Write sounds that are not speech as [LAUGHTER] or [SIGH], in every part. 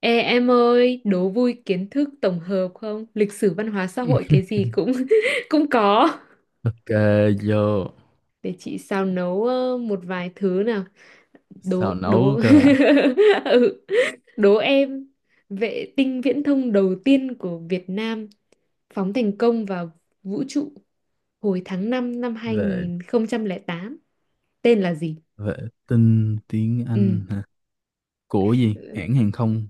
Ê em ơi, đố vui kiến thức tổng hợp không? Lịch sử văn hóa xã hội cái gì [LAUGHS] cũng [LAUGHS] cũng có. Ok. Vô. Để chị xào nấu một vài thứ nào. Đố Xào đố. nấu cơ à? [LAUGHS] Ừ. Đố em, vệ tinh viễn thông đầu tiên của Việt Nam phóng thành công vào vũ trụ hồi tháng 5 năm hai vệ nghìn không trăm lẻ tám tên là gì? vệ tinh tiếng Ừ. Anh hả? Của gì, hãng hàng không?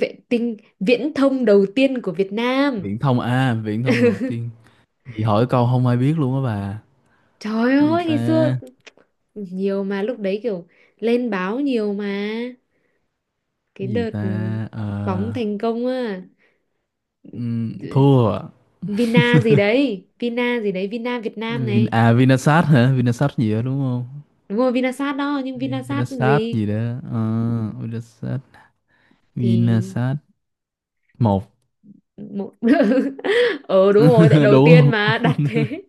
Vệ tinh viễn thông đầu tiên của Việt Nam. Viễn thông à, viễn thông đầu tiên? Gì hỏi câu không ai biết luôn á bà. Trời cái gì ơi, ta ngày xưa nhiều mà lúc đấy kiểu lên báo nhiều mà, cái cái gì đợt ta phóng Ờ, thành công á. ừm, Thua à? Vina gì đấy, Vina gì đấy, Vina Việt Nam này. Vinasat hả? Vinasat gì đó đúng không? Đúng rồi, Vinasat đó, nhưng Vinasat Vinasat gì? gì đó. Ờ, Vinasat Thì Vinasat một. một. [LAUGHS] Ờ Đúng rồi, tại [LAUGHS] đầu đúng tiên không? mà đặt [LAUGHS] thế,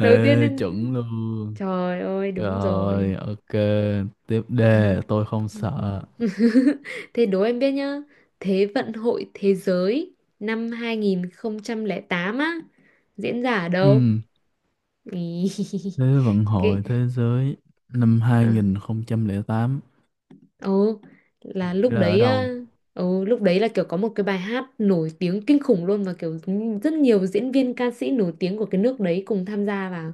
đầu tiên Ê, nên, chuẩn luôn. trời ơi, đúng rồi. Rồi, ok. Tiếp đề, tôi không sợ. [LAUGHS] Thế đố em biết nhá. Thế vận hội thế giới năm 2008 á diễn ra ở đâu? Ừm, Ý. Thế [LAUGHS] vận Cái hội thế giới năm ờ, 2008 ồ, là diễn lúc ra ở đấy đâu? á, lúc đấy là kiểu có một cái bài hát nổi tiếng kinh khủng luôn, và kiểu rất nhiều diễn viên ca sĩ nổi tiếng của cái nước đấy cùng tham gia vào.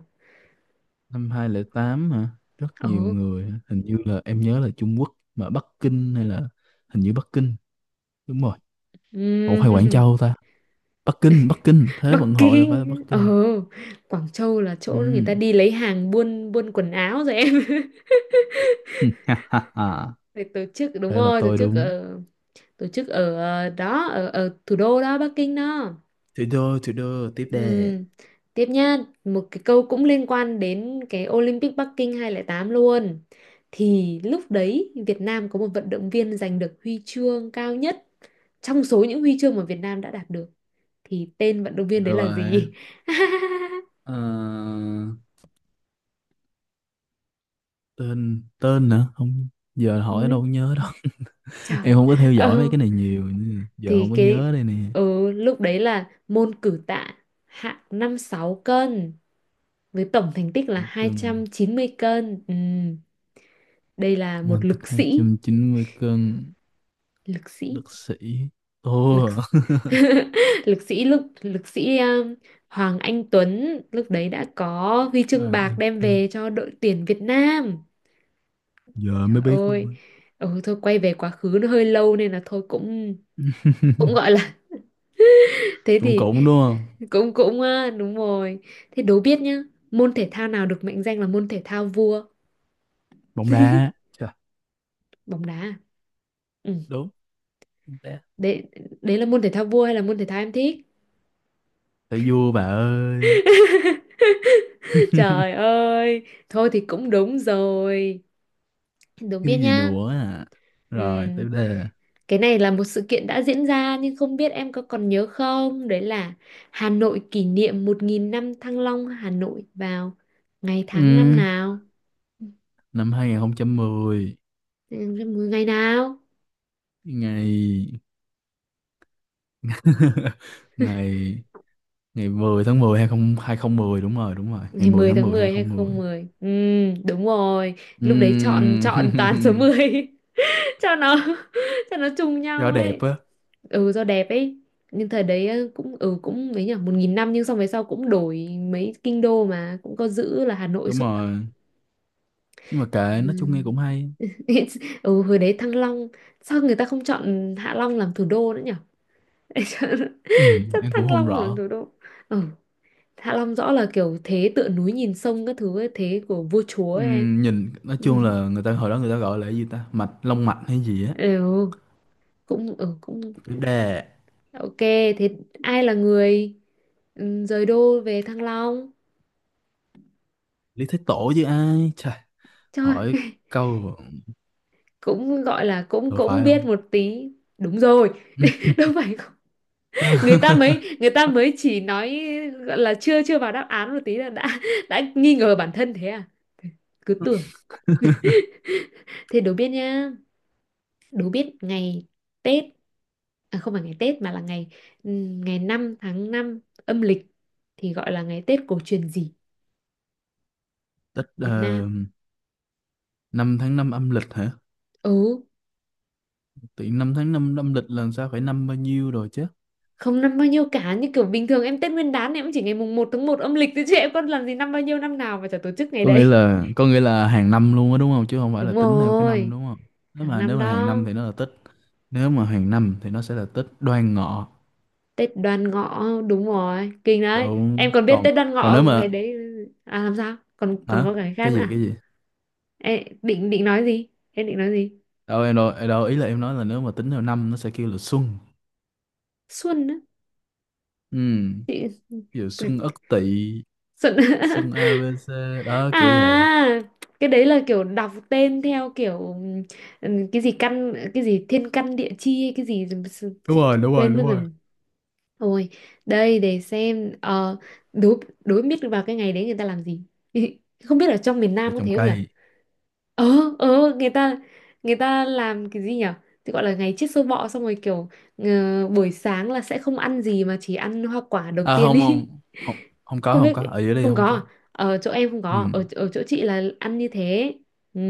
Năm hai không không tám hả? Rất nhiều Ồ. người, hả? Hình như là em nhớ là Trung Quốc, mà Bắc Kinh hay là hình như Bắc Kinh, đúng rồi. Ủa ừm, hay Quảng Châu [LAUGHS] ta? Bắc Kinh, Bắc Kinh, thế Bắc vận hội là phải là Bắc Kinh. Ồ, Kinh. Quảng Châu là chỗ người ta Ừm, đi lấy hàng, buôn buôn quần áo rồi em. [LAUGHS] [LAUGHS] Thì tổ chức, đúng Thế là rồi, tổ tôi chức đúng. ở, ở thủ đô đó, Bắc Kinh đó. Thủ đô, tiếp đề. Ừm. Tiếp nha, một cái câu cũng liên quan đến cái Olympic Bắc Kinh 2008 luôn, thì lúc đấy Việt Nam có một vận động viên giành được huy chương cao nhất trong số những huy chương mà Việt Nam đã đạt được, thì tên vận động viên đấy Bye là bye. gì? [LAUGHS] Ờ, tên tên nữa không, giờ hỏi đâu Ừ, có nhớ đâu. [LAUGHS] trời. em không có theo dõi mấy Ừ, cái này nhiều nên giờ không thì có cái nhớ đây nè. Lúc đấy là môn cử tạ, hạng 56 cân, với tổng thành tích là Một hai trăm cân, chín mươi cân. Ừm. Đây là quan một tích lực sĩ, 290 cân, lực sĩ, đất sĩ, lực ô. [LAUGHS] Lực sĩ, Hoàng Anh Tuấn, lúc đấy đã có huy [LAUGHS] à, chương bạc anh đem Tư. về cho đội tuyển Việt Nam. Giờ mới Trời biết luôn ơi. á. Ừ, thôi, quay về quá khứ nó hơi lâu nên là thôi, cũng cũng gọi [LAUGHS] là, [LAUGHS] thế cũng thì cũng đúng không? cũng cũng đúng rồi. Thế đố biết nhá, môn thể thao nào được mệnh danh là môn thể thao vua? Bóng đá. Chà, Bóng đá? À? Ừ. đúng, bóng đá Đấy, đấy là môn thể thao vua hay là môn thể thao em thích? phải vua bà ơi. [LAUGHS] [LAUGHS] Trời ơi, thôi thì cũng đúng rồi, đúng, thứ biết gì nhá. nữa à, rồi Ừm, tiếp đề. cái này là một sự kiện đã diễn ra nhưng không biết em có còn nhớ không, đấy là Hà Nội kỷ niệm 1.000 năm Thăng Long Hà Nội vào ngày tháng năm ừ, nào? Năm 2010. Ừ, ngày nào? ngày [LAUGHS] [LAUGHS] ngày. Ngày 10 tháng 10 20 2010, đúng rồi, đúng rồi. Ngày Ngày 10 10 tháng tháng 10 10 hay không một không không. mười? Ừ, đúng rồi, lúc đấy chọn, chọn toàn số Ừm, [LAUGHS] mười, [LAUGHS] cho nó, [LAUGHS] cho nó trùng do nhau đẹp ấy. á, Ừ, do đẹp ấy, nhưng thời đấy cũng ừ cũng mấy nhỉ, 1.000 năm, nhưng xong về sau cũng đổi mấy kinh đô mà cũng có giữ là Hà Nội đúng suốt đâu. rồi. Nhưng mà kệ, nói chung nghe Ừm. cũng hay. [LAUGHS] Ừ, hồi đấy Thăng Long, sao người ta không chọn Hạ Long làm thủ đô nữa nhỉ? [LAUGHS] Chắc Em cũng Thăng không Long làm rõ. thủ đô, ừ, Hạ Long rõ là kiểu thế tựa núi nhìn sông các thứ ấy, thế của vua chúa ấy, em. Nhìn nói chung [LAUGHS] là người ta hồi đó người ta gọi là cái gì ta? Mạch, long mạch hay gì á. Ừ, cũng ừ cũng Đè, ok. Thế ai là người, ừ, rời đô về Thăng Long? Lý Thái Tổ chứ ai. Trời, Trời, hỏi câu cũng gọi là cũng đâu cũng phải biết không? một tí. Đúng rồi. [LAUGHS] [LAUGHS] Đâu phải không? Người ta mới, người ta mới chỉ nói, gọi là chưa, chưa vào đáp án một tí là đã [LAUGHS] đã nghi ngờ bản thân thế à? Cứ tưởng. Thế đố biết nhá, đố biết ngày Tết, à không phải ngày Tết, mà là ngày, ngày 5 tháng 5 âm lịch, thì gọi là ngày Tết cổ truyền gì Tết, ở Việt Nam? 5 tháng 5 âm lịch hả? Ừ, Tự nhiên 5 tháng năm âm lịch là sao, phải năm bao nhiêu rồi chứ? không năm bao nhiêu cả, như kiểu bình thường em Tết Nguyên đán em cũng chỉ ngày mùng 1 tháng 1 âm lịch thôi, chứ em có làm gì năm bao nhiêu, năm nào mà chả tổ chức ngày có nghĩa đấy. là có nghĩa là hàng năm luôn á đúng không, chứ không phải là Đúng tính theo cái năm rồi, đúng không? nếu hàng mà nếu năm mà hàng năm đó. thì nó là tích. Nếu mà hàng năm thì nó sẽ là tích đoan ngọ, Tết Đoan Ngọ, đúng rồi, kinh đấy, em đúng. còn biết Còn Tết Đoan còn Ngọ nếu ngày mà... đấy à? Làm sao, còn còn Hả? có cái khác Cái nữa gì, à? cái gì? Em định định nói gì, em định nói gì? Đâu em, ý là em nói là nếu mà tính theo năm nó sẽ kêu là xuân. Xuân á? Ừ, Chị. ví dụ xuân Ất Tỵ, Xuân. [LAUGHS] xuân a ABC đó, kiểu vậy. À, cái đấy là kiểu đọc tên theo kiểu, cái gì căn, cái gì thiên căn địa chi hay cái gì, Đúng chị rồi, đúng rồi, quên mất đúng rồi. rồi. Thôi, đây để xem đố, đố biết vào cái ngày đấy người ta làm gì. [LAUGHS] Không biết ở trong miền Để Nam có trồng thế không nhở? cây. Ờ, người ta, người ta làm cái gì nhở? Thì gọi là ngày chết sâu bọ, xong rồi kiểu, ờ, buổi sáng là sẽ không ăn gì mà chỉ ăn hoa quả đầu À tiên không, không, ý. không, [LAUGHS] không có, Không không biết, có ở dưới đây, không không có à? có. Ở chỗ em không có, Ừ, à? Ở, ở chỗ chị là ăn như thế. Ừ.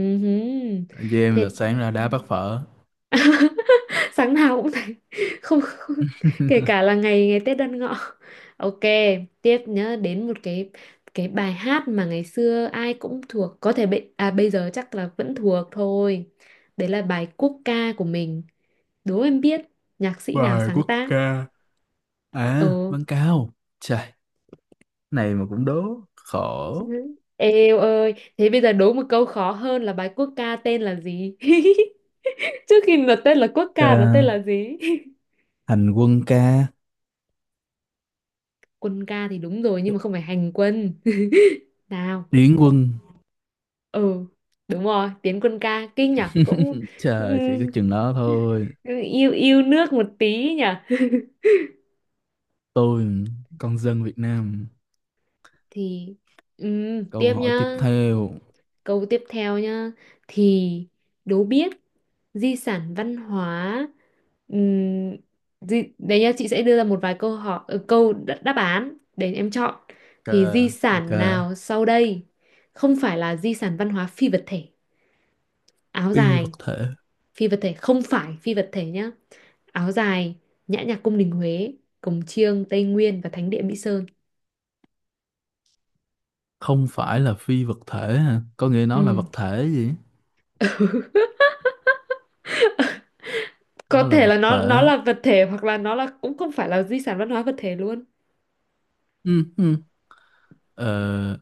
với em là Thế, sáng ra đá bát phở. [LAUGHS] sáng nào cũng thấy. [LAUGHS] Không, không, [LAUGHS] kể cả là ngày, ngày Tết Đoan Ngọ. Ok, tiếp, nhớ đến một cái bài hát mà ngày xưa ai cũng thuộc, có thể bị à bây giờ chắc là vẫn thuộc thôi, đấy là bài quốc ca của mình, đố em biết nhạc sĩ nào bài sáng quốc tác? ca. À, Ờ. Văn Cao. Trời, này mà cũng đố. Khổ. [LAUGHS] Eo ơi, thế bây giờ đố một câu khó hơn là bài quốc ca tên là gì? [LAUGHS] Trước khi nó tên là quốc Ờ, ca, nó tên là gì? Hành quân ca, [LAUGHS] Quân ca thì đúng rồi, nhưng mà không phải hành quân. [LAUGHS] Nào. điển quân. Ừ, đúng rồi, Tiến Quân ca, kinh nhở, cũng [LAUGHS] Trời, chỉ ừm, có chừng đó thôi. yêu yêu nước một tí nhở. Tôi, con dân Việt Nam. Thì, Câu tiếp hỏi nhá, tiếp theo. câu tiếp theo nhá, thì đố biết di sản văn hóa, ừm, đấy nhá, chị sẽ đưa ra một vài câu hỏi, câu đáp án để em chọn, Ok, thì di ok. sản nào sau đây không phải là di sản văn hóa phi vật thể: áo Phi dài, vật thể. phi vật thể, không phải phi vật thể nhá, áo dài, nhã nhạc cung đình Huế, cồng chiêng Tây Nguyên và thánh địa Mỹ Sơn. Không phải là phi vật thể hả? Có nghĩa nó là Ừ. vật thể gì? [LAUGHS] Nó Có là thể là vật nó thể. là vật thể, hoặc là nó là cũng không phải là di sản văn hóa vật thể luôn, Ừ, ừ. Ờ,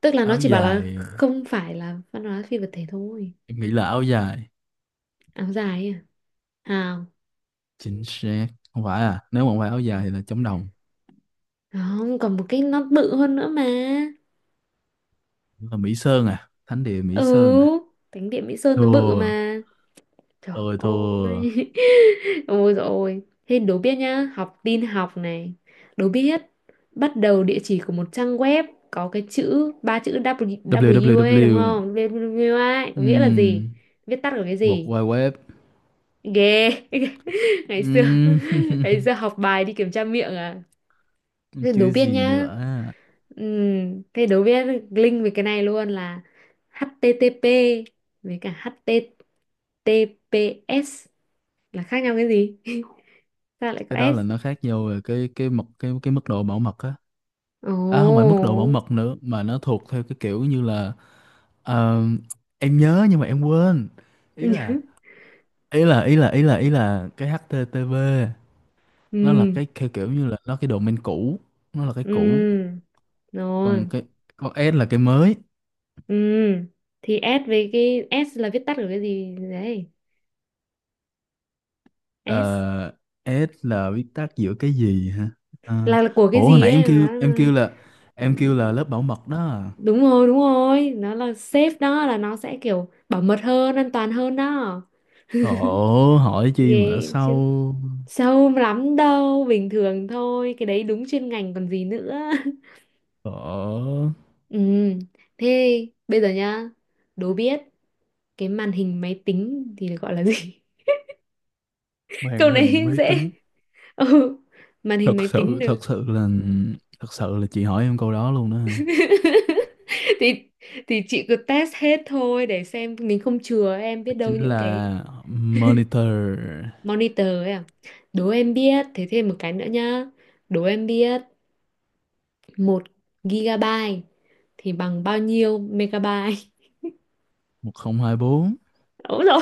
tức là nó Áo chỉ bảo là dài. không phải là văn hóa phi vật thể thôi. Em nghĩ là áo dài. Áo dài ấy à? Chính xác. Không phải à? Nếu mà không phải áo dài thì là chống đồng. À, không, còn một cái nó bự hơn nữa mà. Đúng là Mỹ Sơn à, thánh địa Mỹ Ừ, Sơn à? thánh địa Mỹ Sơn nó bự Thua, mà. Trời tôi thua. ơi. [LAUGHS] Ôi dồi ôi. Thế đố biết nhá, học tin học này. Đố biết bắt đầu địa chỉ của một trang web có cái chữ ba chữ W, W ấy đúng www. không? W W ấy, có nghĩa là gì? um Viết tắt của cái World gì? Wide Web. Ghê. [LAUGHS] Ngày xưa, Ừm, ngày [LAUGHS] xưa học bài đi kiểm tra miệng à. Thế đố chứ biết gì nhá. nữa. Thế đố biết, link về cái này luôn, là HTTP với cả HTTPS là khác nhau cái gì? Sao lại Cái có đó là S? nó khác nhau về cái mật, cái mức độ bảo mật á. Ồ. À không phải mức độ bảo mật nữa, mà nó thuộc theo cái kiểu như là, ờ, em nhớ nhưng mà em quên. Ý là [LAUGHS] ý là ý là ý là ý là cái HTTP nó là Ừ. cái theo kiểu như là nó cái domain cũ, nó là cái cũ. Ừ. Còn Rồi. cái con S là cái mới. Ừ. Thì S, với cái S là viết tắt của cái gì đấy? S Ờ, S là viết tắt giữa cái gì hả? Ờ, là của cái ủa hồi gì nãy em ấy mà kêu, nó là- Ừ, em kêu là lớp bảo mật đó. À. Đúng rồi, nó là safe đó, là nó sẽ kiểu bảo mật hơn, an toàn hơn đó. Khổ hỏi chi mà đã Ghê chứ. sâu. Sâu lắm đâu, bình thường thôi, cái đấy đúng chuyên ngành còn gì nữa. [LAUGHS] Khổ. Ừ. Thế bây giờ nhá, đố biết cái màn hình máy tính thì được gọi là gì? Màn Câu này hình [LAUGHS] máy dễ. tính. Ừ, màn hình Thật máy tính sự được. thật sự là Thật sự là chị hỏi em câu đó luôn đó hả? [LAUGHS] thì thì chị cứ test hết thôi, để xem mình, không chừa em, biết đâu Chính những cái là monitor. monitor ấy à. Đố em biết, thế thêm một cái nữa nhá, đố em biết một gigabyte thì bằng bao nhiêu megabyte? [LAUGHS] Một một không không hai bốn. Đúng rồi,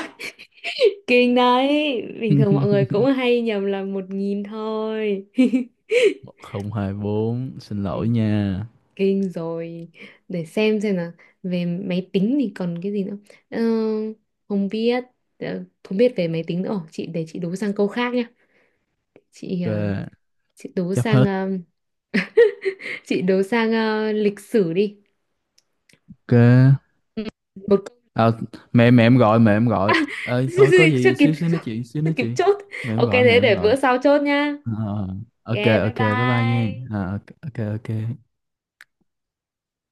kinh đấy, bình thường mọi người cũng [LAUGHS] hay nhầm là 1.000 thôi. [LAUGHS] một không hai bốn, xin Ừ, lỗi nha. kinh rồi, để xem là về máy tính thì còn cái gì nữa. Ờ, không biết, không biết về máy tính nữa. Ồ, chị để chị đố sang câu khác nhá, chị ờ, Ok, chị đố chấp sang hết. ờ, chị đố sang lịch sử đi, Ok. một câu- À, mẹ mẹ em gọi, mẹ em gọi ơi, thôi có [LAUGHS] chưa gì kịp, xíu xíu nói chuyện xíu, chưa nói kịp chuyện, chốt. mẹ em Ok, gọi mẹ thế em để bữa gọi sau chốt nhá, Ờ, ok, ok, bye ok, bye bye nghe. bye Ờ, ok, ok, ok.